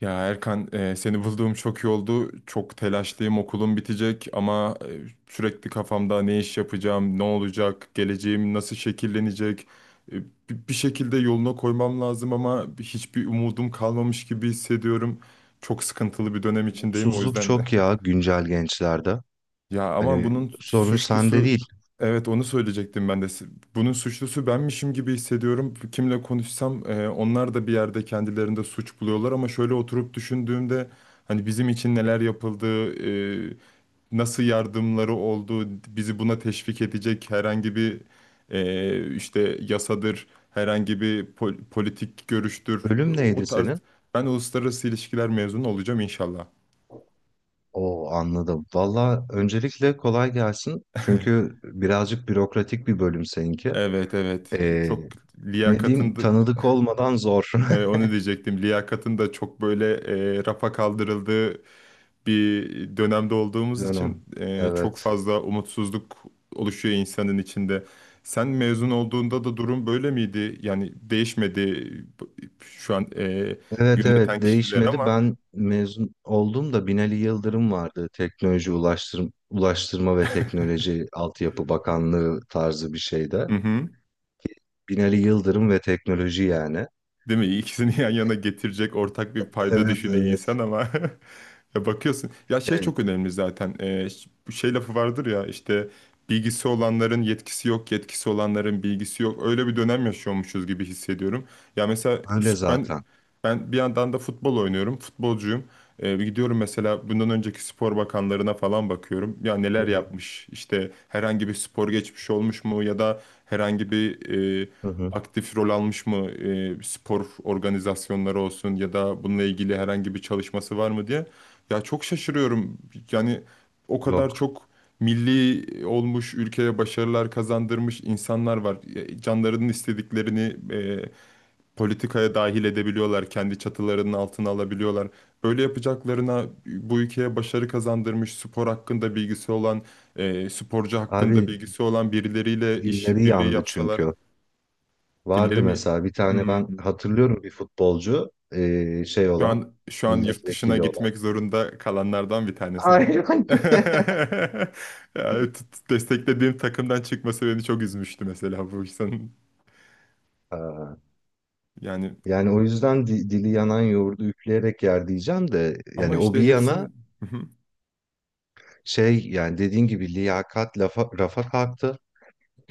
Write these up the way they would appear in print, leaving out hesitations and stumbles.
Ya Erkan, seni bulduğum çok iyi oldu. Çok telaşlıyım, okulum bitecek ama sürekli kafamda ne iş yapacağım, ne olacak, geleceğim nasıl şekillenecek. E, bi- Bir şekilde yoluna koymam lazım ama hiçbir umudum kalmamış gibi hissediyorum. Çok sıkıntılı bir dönem içindeyim, o Mutsuzluk yüzden çok ya güncel gençlerde. ya ama Hani bunun sorun sende suçlusu değil. evet onu söyleyecektim ben de. Bunun suçlusu benmişim gibi hissediyorum. Kimle konuşsam onlar da bir yerde kendilerinde suç buluyorlar ama şöyle oturup düşündüğümde hani bizim için neler yapıldı, e, nasıl yardımları oldu, bizi buna teşvik edecek herhangi bir işte yasadır, herhangi bir politik görüştür. Ölüm neydi O tarz senin? ben uluslararası ilişkiler mezunu olacağım inşallah. O anladım. Valla öncelikle kolay gelsin. Çünkü birazcık bürokratik bir bölüm seninki. Evet evet, Ee, çok Ne liyakatın. diyeyim, tanıdık olmadan zor Evet, onu diyecektim. Liyakatın da çok böyle, rafa kaldırıldığı bir dönemde olduğumuz dönem. için çok Evet. fazla umutsuzluk oluşuyor insanın içinde. Sen mezun olduğunda da durum böyle miydi? Yani değişmedi bu- şu an Evet yöneten evet, kişiler değişmedi. ama. Ben mezun oldum da Binali Yıldırım vardı. Teknoloji Ulaştırma, Ulaştırma ve Teknoloji Altyapı Bakanlığı tarzı bir şeyde. Hı hı. Binali Yıldırım ve teknoloji yani. Değil mi? İkisini yan yana getirecek ortak bir payda Evet düşünüyor evet. insan ama ya bakıyorsun. Ya şey E, çok önemli zaten. Bu şey lafı vardır ya işte bilgisi olanların yetkisi yok, yetkisi olanların bilgisi yok. Öyle bir dönem yaşıyormuşuz gibi hissediyorum. Ya mesela Öyle ben, zaten. Bir yandan da futbol oynuyorum, futbolcuyum. Bir gidiyorum mesela bundan önceki spor bakanlarına falan bakıyorum. Ya Hı neler hı, yapmış? İşte herhangi bir spor geçmiş olmuş mu ya da herhangi bir e, hı hı. aktif rol almış mı, spor organizasyonları olsun ya da bununla ilgili herhangi bir çalışması var mı diye. Ya çok şaşırıyorum. Yani o kadar Yok. çok milli olmuş, ülkeye başarılar kazandırmış insanlar var. Ya canlarının istediklerini politikaya dahil edebiliyorlar, kendi çatılarının altına alabiliyorlar. Böyle yapacaklarına bu ülkeye başarı kazandırmış, spor hakkında bilgisi olan, sporcu hakkında Abi, bilgisi olan birileriyle iş dilleri birliği yandı yapsalar, çünkü. dilleri Vardı mi? mesela bir tane, ben Hmm. hatırlıyorum, bir futbolcu şey Şu olan, an, şu an yurt dışına milletvekili olan. gitmek zorunda kalanlardan bir tanesi mi? Aynen. Yani desteklediğim takımdan çıkması beni çok üzmüştü mesela bu insanın. Ha, Yani yani o yüzden dili yanan yoğurdu üfleyerek yer diyeceğim de, ama yani o işte bir yana, hepsinin. Hı hı, şey, yani dediğin gibi liyakat lafa, rafa kalktı.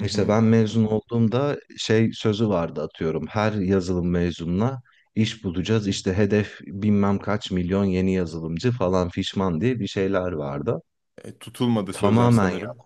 hı hı. ben mezun olduğumda şey sözü vardı, atıyorum. Her yazılım mezununa iş bulacağız. İşte hedef bilmem kaç milyon yeni yazılımcı falan fişman diye bir şeyler vardı. E, tutulmadı sözler Tamamen ya. sanırım.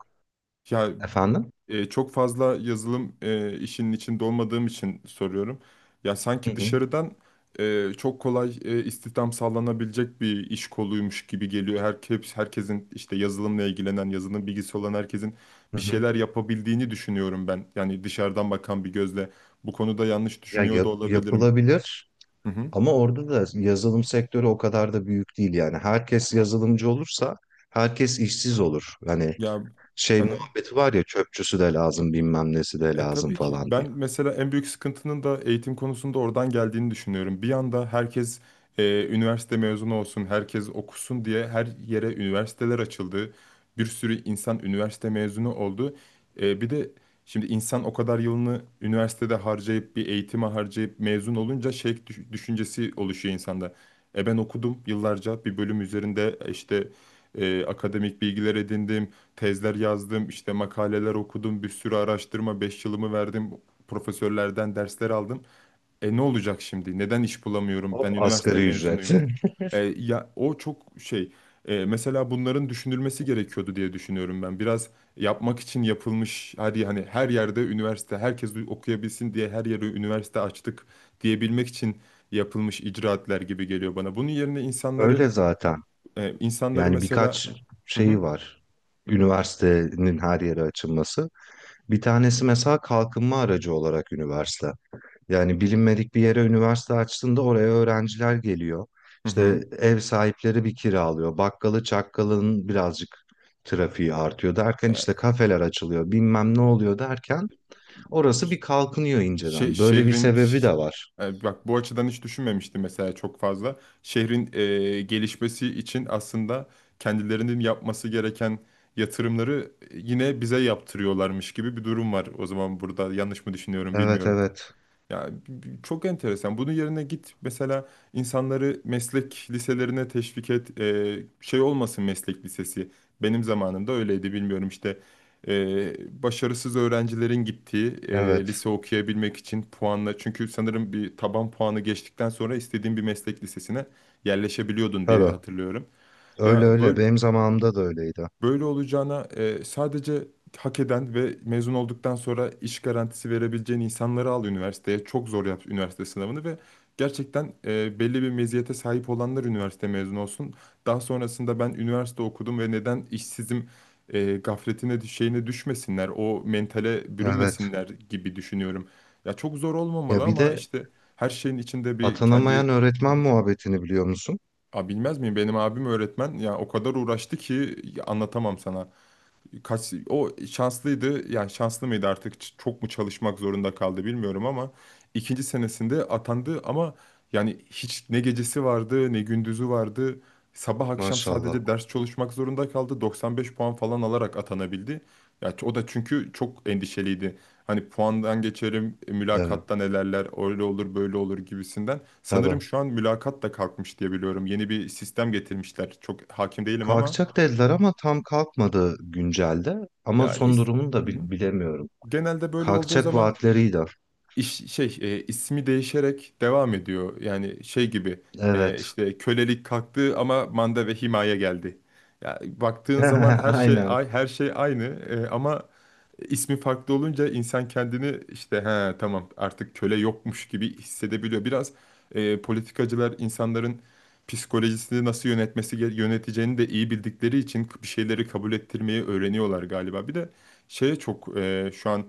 Ya, Efendim? Çok fazla yazılım, işinin içinde olmadığım için soruyorum. Ya Hı sanki hı. dışarıdan çok kolay istihdam sağlanabilecek bir iş koluymuş gibi geliyor. Herkes, herkesin işte yazılımla ilgilenen, yazılım bilgisi olan herkesin Hı bir hı. şeyler yapabildiğini düşünüyorum ben. Yani dışarıdan bakan bir gözle bu konuda yanlış Ya düşünüyor da olabilirim. yapılabilir Hı hı. ama orada da yazılım sektörü o kadar da büyük değil yani. Herkes yazılımcı olursa herkes işsiz olur. Hani Ya şey muhabbeti var ya, çöpçüsü de lazım bilmem nesi de e lazım tabii ki. falan diye. Ben mesela en büyük sıkıntının da eğitim konusunda oradan geldiğini düşünüyorum. Bir anda herkes üniversite mezunu olsun, herkes okusun diye her yere üniversiteler açıldı. Bir sürü insan üniversite mezunu oldu. E, bir de şimdi insan o kadar yılını üniversitede harcayıp, bir eğitime harcayıp mezun olunca şey düşüncesi oluşuyor insanda. E, ben okudum yıllarca bir bölüm üzerinde, işte akademik bilgiler edindim, tezler yazdım, işte makaleler okudum, bir sürü araştırma, 5 yılımı verdim, profesörlerden dersler aldım. E, ne olacak şimdi? Neden iş bulamıyorum? Hop, Ben üniversite asgari ücret. mezunuyum. E, ya o çok şey. Mesela bunların düşünülmesi gerekiyordu diye düşünüyorum ben. Biraz yapmak için yapılmış. Hadi hani her yerde üniversite, herkes okuyabilsin diye her yere üniversite açtık diyebilmek için yapılmış icraatler gibi geliyor bana. Bunun yerine insanları Öyle zaten. İnsanları Yani mesela. birkaç Hı hı. şeyi var. Üniversitenin her yere açılması. Bir tanesi mesela kalkınma aracı olarak üniversite. Yani bilinmedik bir yere üniversite açtığında oraya öğrenciler geliyor. Hı İşte ev sahipleri bir kiralıyor. Bakkalı çakkalın birazcık trafiği artıyor derken işte hı. kafeler açılıyor. Bilmem ne oluyor derken orası bir kalkınıyor Şe- inceden. Böyle bir şehrin sebebi ş- de var. Bak, bu açıdan hiç düşünmemiştim mesela çok fazla. Şehrin gelişmesi için aslında kendilerinin yapması gereken yatırımları yine bize yaptırıyorlarmış gibi bir durum var. O zaman burada yanlış mı düşünüyorum Evet bilmiyorum. evet. Ya çok enteresan. Bunun yerine git mesela, insanları meslek liselerine teşvik et. Şey olmasın meslek lisesi. Benim zamanımda öyleydi, bilmiyorum işte. Başarısız öğrencilerin gittiği, Evet. lise okuyabilmek için puanla. Çünkü sanırım bir taban puanı geçtikten sonra istediğin bir meslek lisesine yerleşebiliyordun diye Tabii. hatırlıyorum. Öyle Ya öyle. böyle, Benim zamanımda da öyleydi. böyle olacağına sadece hak eden ve mezun olduktan sonra iş garantisi verebileceğin insanları al üniversiteye. Çok zor yap üniversite sınavını ve gerçekten belli bir meziyete sahip olanlar üniversite mezunu olsun. Daha sonrasında ben üniversite okudum ve neden işsizim gafletine şeyine düşmesinler, o mentale Evet. bürünmesinler gibi düşünüyorum. Ya çok zor olmamalı Ya bir ama de işte her şeyin içinde bir atanamayan kendi... öğretmen muhabbetini biliyor musun? A, bilmez miyim? Benim abim öğretmen. Ya o kadar uğraştı ki, anlatamam sana, kaç o şanslıydı yani, şanslı mıydı artık, çok mu çalışmak zorunda kaldı bilmiyorum ama ikinci senesinde atandı. Ama yani hiç ne gecesi vardı ne gündüzü vardı, sabah akşam Maşallah. sadece ders çalışmak zorunda kaldı, 95 puan falan alarak atanabildi. Ya o da çünkü çok endişeliydi, hani puandan geçerim, Evet, mülakatta nelerler öyle olur böyle olur gibisinden. Sanırım tabii. şu an mülakat da kalkmış diye biliyorum, yeni bir sistem getirmişler, çok hakim değilim ama Kalkacak dediler ama tam kalkmadı güncelde. Ama ya son is, durumunu da hı. Bilemiyorum. Genelde böyle olduğu Kalkacak zaman vaatleriydi. iş, şey, ismi değişerek devam ediyor. Yani şey gibi, Evet. işte kölelik kalktı ama manda ve himaye geldi. Ya baktığın zaman her şey, Aynen. ay, her şey aynı, ama ismi farklı olunca insan kendini işte he tamam artık köle yokmuş gibi hissedebiliyor. Biraz politikacılar insanların psikolojisini nasıl yönetmesi yöneteceğini de iyi bildikleri için bir şeyleri kabul ettirmeyi öğreniyorlar galiba. Bir de şeye çok, şu an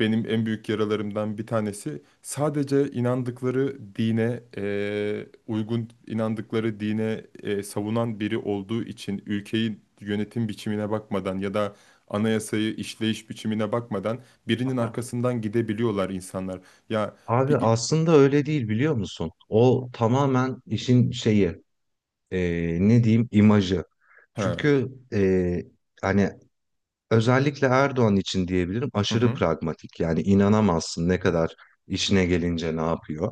benim en büyük yaralarımdan bir tanesi, sadece inandıkları dine uygun, inandıkları dine savunan biri olduğu için ülkeyi yönetim biçimine bakmadan ya da anayasayı işleyiş biçimine bakmadan birinin Aha. arkasından gidebiliyorlar insanlar. Ya Abi bir aslında öyle değil, biliyor musun? O tamamen işin şeyi, e, ne diyeyim, imajı. ha. Çünkü hani özellikle Erdoğan için diyebilirim, Hı aşırı hı. pragmatik. Yani inanamazsın ne kadar işine gelince ne yapıyor.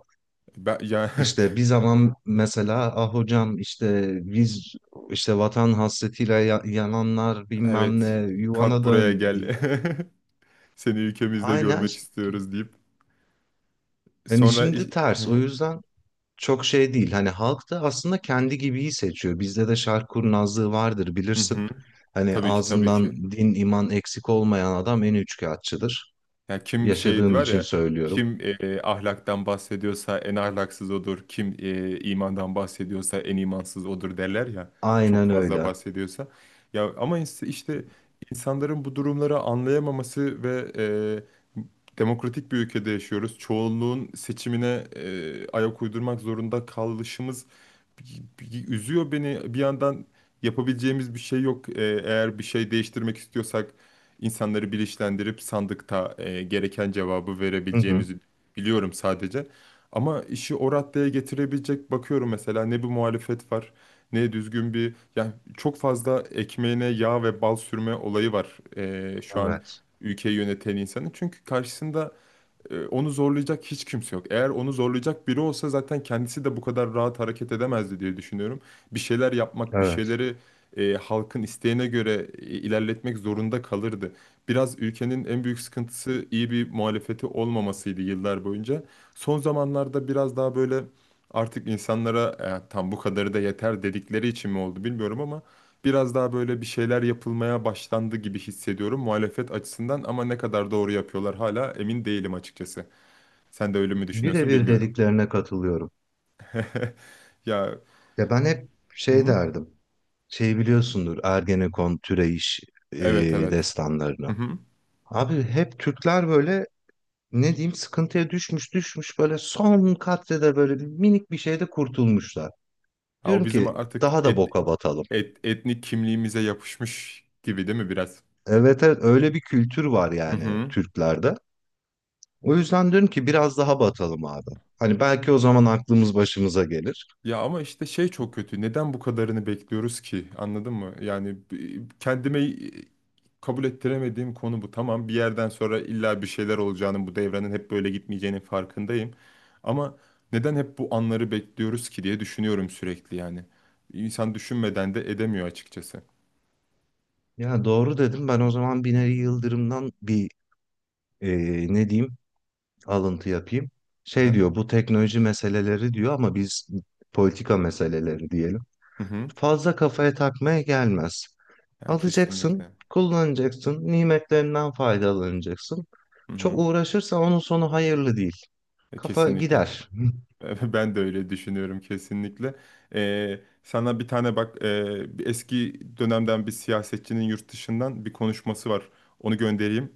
Ben, ya İşte bir zaman mesela ah hocam, işte biz işte vatan hasretiyle yananlar bilmem evet, ne, kalk yuvana buraya dön gel. diye. Seni ülkemizde Aynen, görmek istiyoruz deyip hani sonra iş-. şimdi Hı ters, o hı. yüzden çok şey değil. Hani halk da aslında kendi gibiyi seçiyor. Bizde de şark kurnazlığı vardır, Hı bilirsin. hı. Hani Tabii ki, tabii ağzından ki. din iman eksik olmayan adam en üçkağıtçıdır. Ya kim şey Yaşadığım var için ya, söylüyorum. kim ahlaktan bahsediyorsa en ahlaksız odur. Kim imandan bahsediyorsa en imansız odur derler ya. Çok Aynen fazla öyle. bahsediyorsa. Ya ama işte insanların bu durumları anlayamaması ve e, demokratik bir ülkede yaşıyoruz. Çoğunluğun seçimine ayak uydurmak zorunda kalışımız üzüyor beni. Bir yandan yapabileceğimiz bir şey yok. E, eğer bir şey değiştirmek istiyorsak insanları bilinçlendirip sandıkta gereken cevabı Hı hı. verebileceğimizi biliyorum sadece. Ama işi o raddeye getirebilecek, bakıyorum mesela, ne bir muhalefet var ne düzgün bir, yani çok fazla ekmeğine yağ ve bal sürme olayı var şu an Evet. ülkeyi yöneten insanın. Çünkü karşısında onu zorlayacak hiç kimse yok. Eğer onu zorlayacak biri olsa zaten kendisi de bu kadar rahat hareket edemezdi diye düşünüyorum. Bir şeyler yapmak, bir Evet. şeyleri halkın isteğine göre ilerletmek zorunda kalırdı. Biraz ülkenin en büyük sıkıntısı iyi bir muhalefeti olmamasıydı yıllar boyunca. Son zamanlarda biraz daha böyle, artık insanlara "E, tam bu kadarı da yeter" dedikleri için mi oldu bilmiyorum ama biraz daha böyle bir şeyler yapılmaya başlandı gibi hissediyorum muhalefet açısından. Ama ne kadar doğru yapıyorlar hala emin değilim açıkçası. Sen de öyle mi düşünüyorsun Birebir bilmiyorum. dediklerine katılıyorum. Ya, Ya ben hep hı şey hı. derdim. Şey, biliyorsundur, Ergenekon, Türeyiş e, Evet evet. Hı destanlarını. hı. Abi hep Türkler böyle, ne diyeyim, sıkıntıya düşmüş düşmüş, böyle son katrede böyle bir minik bir şeyde kurtulmuşlar. Ha, o Diyorum bizim ki artık daha da boka batalım. Etnik kimliğimize yapışmış gibi değil mi biraz? Evet evet, öyle bir kültür var Hı yani hı. Türklerde. O yüzden diyorum ki biraz daha batalım abi. Hani belki o zaman aklımız başımıza gelir. Ya ama işte şey çok kötü. Neden bu kadarını bekliyoruz ki? Anladın mı? Yani kendime kabul ettiremediğim konu bu. Tamam, bir yerden sonra illa bir şeyler olacağının, bu devrenin hep böyle gitmeyeceğinin farkındayım. Ama neden hep bu anları bekliyoruz ki diye düşünüyorum sürekli yani. İnsan düşünmeden de edemiyor açıkçası. Ya doğru dedim. Ben o zaman Binali Yıldırım'dan bir e, ne diyeyim, alıntı yapayım. Hı Şey hı. diyor, bu teknoloji meseleleri diyor, ama biz politika meseleleri diyelim. Hı hı. Fazla kafaya takmaya gelmez. Yani Alacaksın, kesinlikle. kullanacaksın, nimetlerinden faydalanacaksın. Hı Çok hı. uğraşırsan onun sonu hayırlı değil. E, Kafa kesinlikle. gider. Ben de öyle düşünüyorum kesinlikle. Sana bir tane bak, bir eski dönemden bir siyasetçinin yurt dışından bir konuşması var. Onu göndereyim.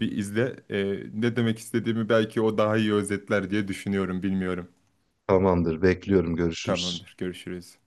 Bir izle. Ne demek istediğimi belki o daha iyi özetler diye düşünüyorum. Bilmiyorum. Tamamdır, bekliyorum, görüşürüz. Tamamdır. Görüşürüz.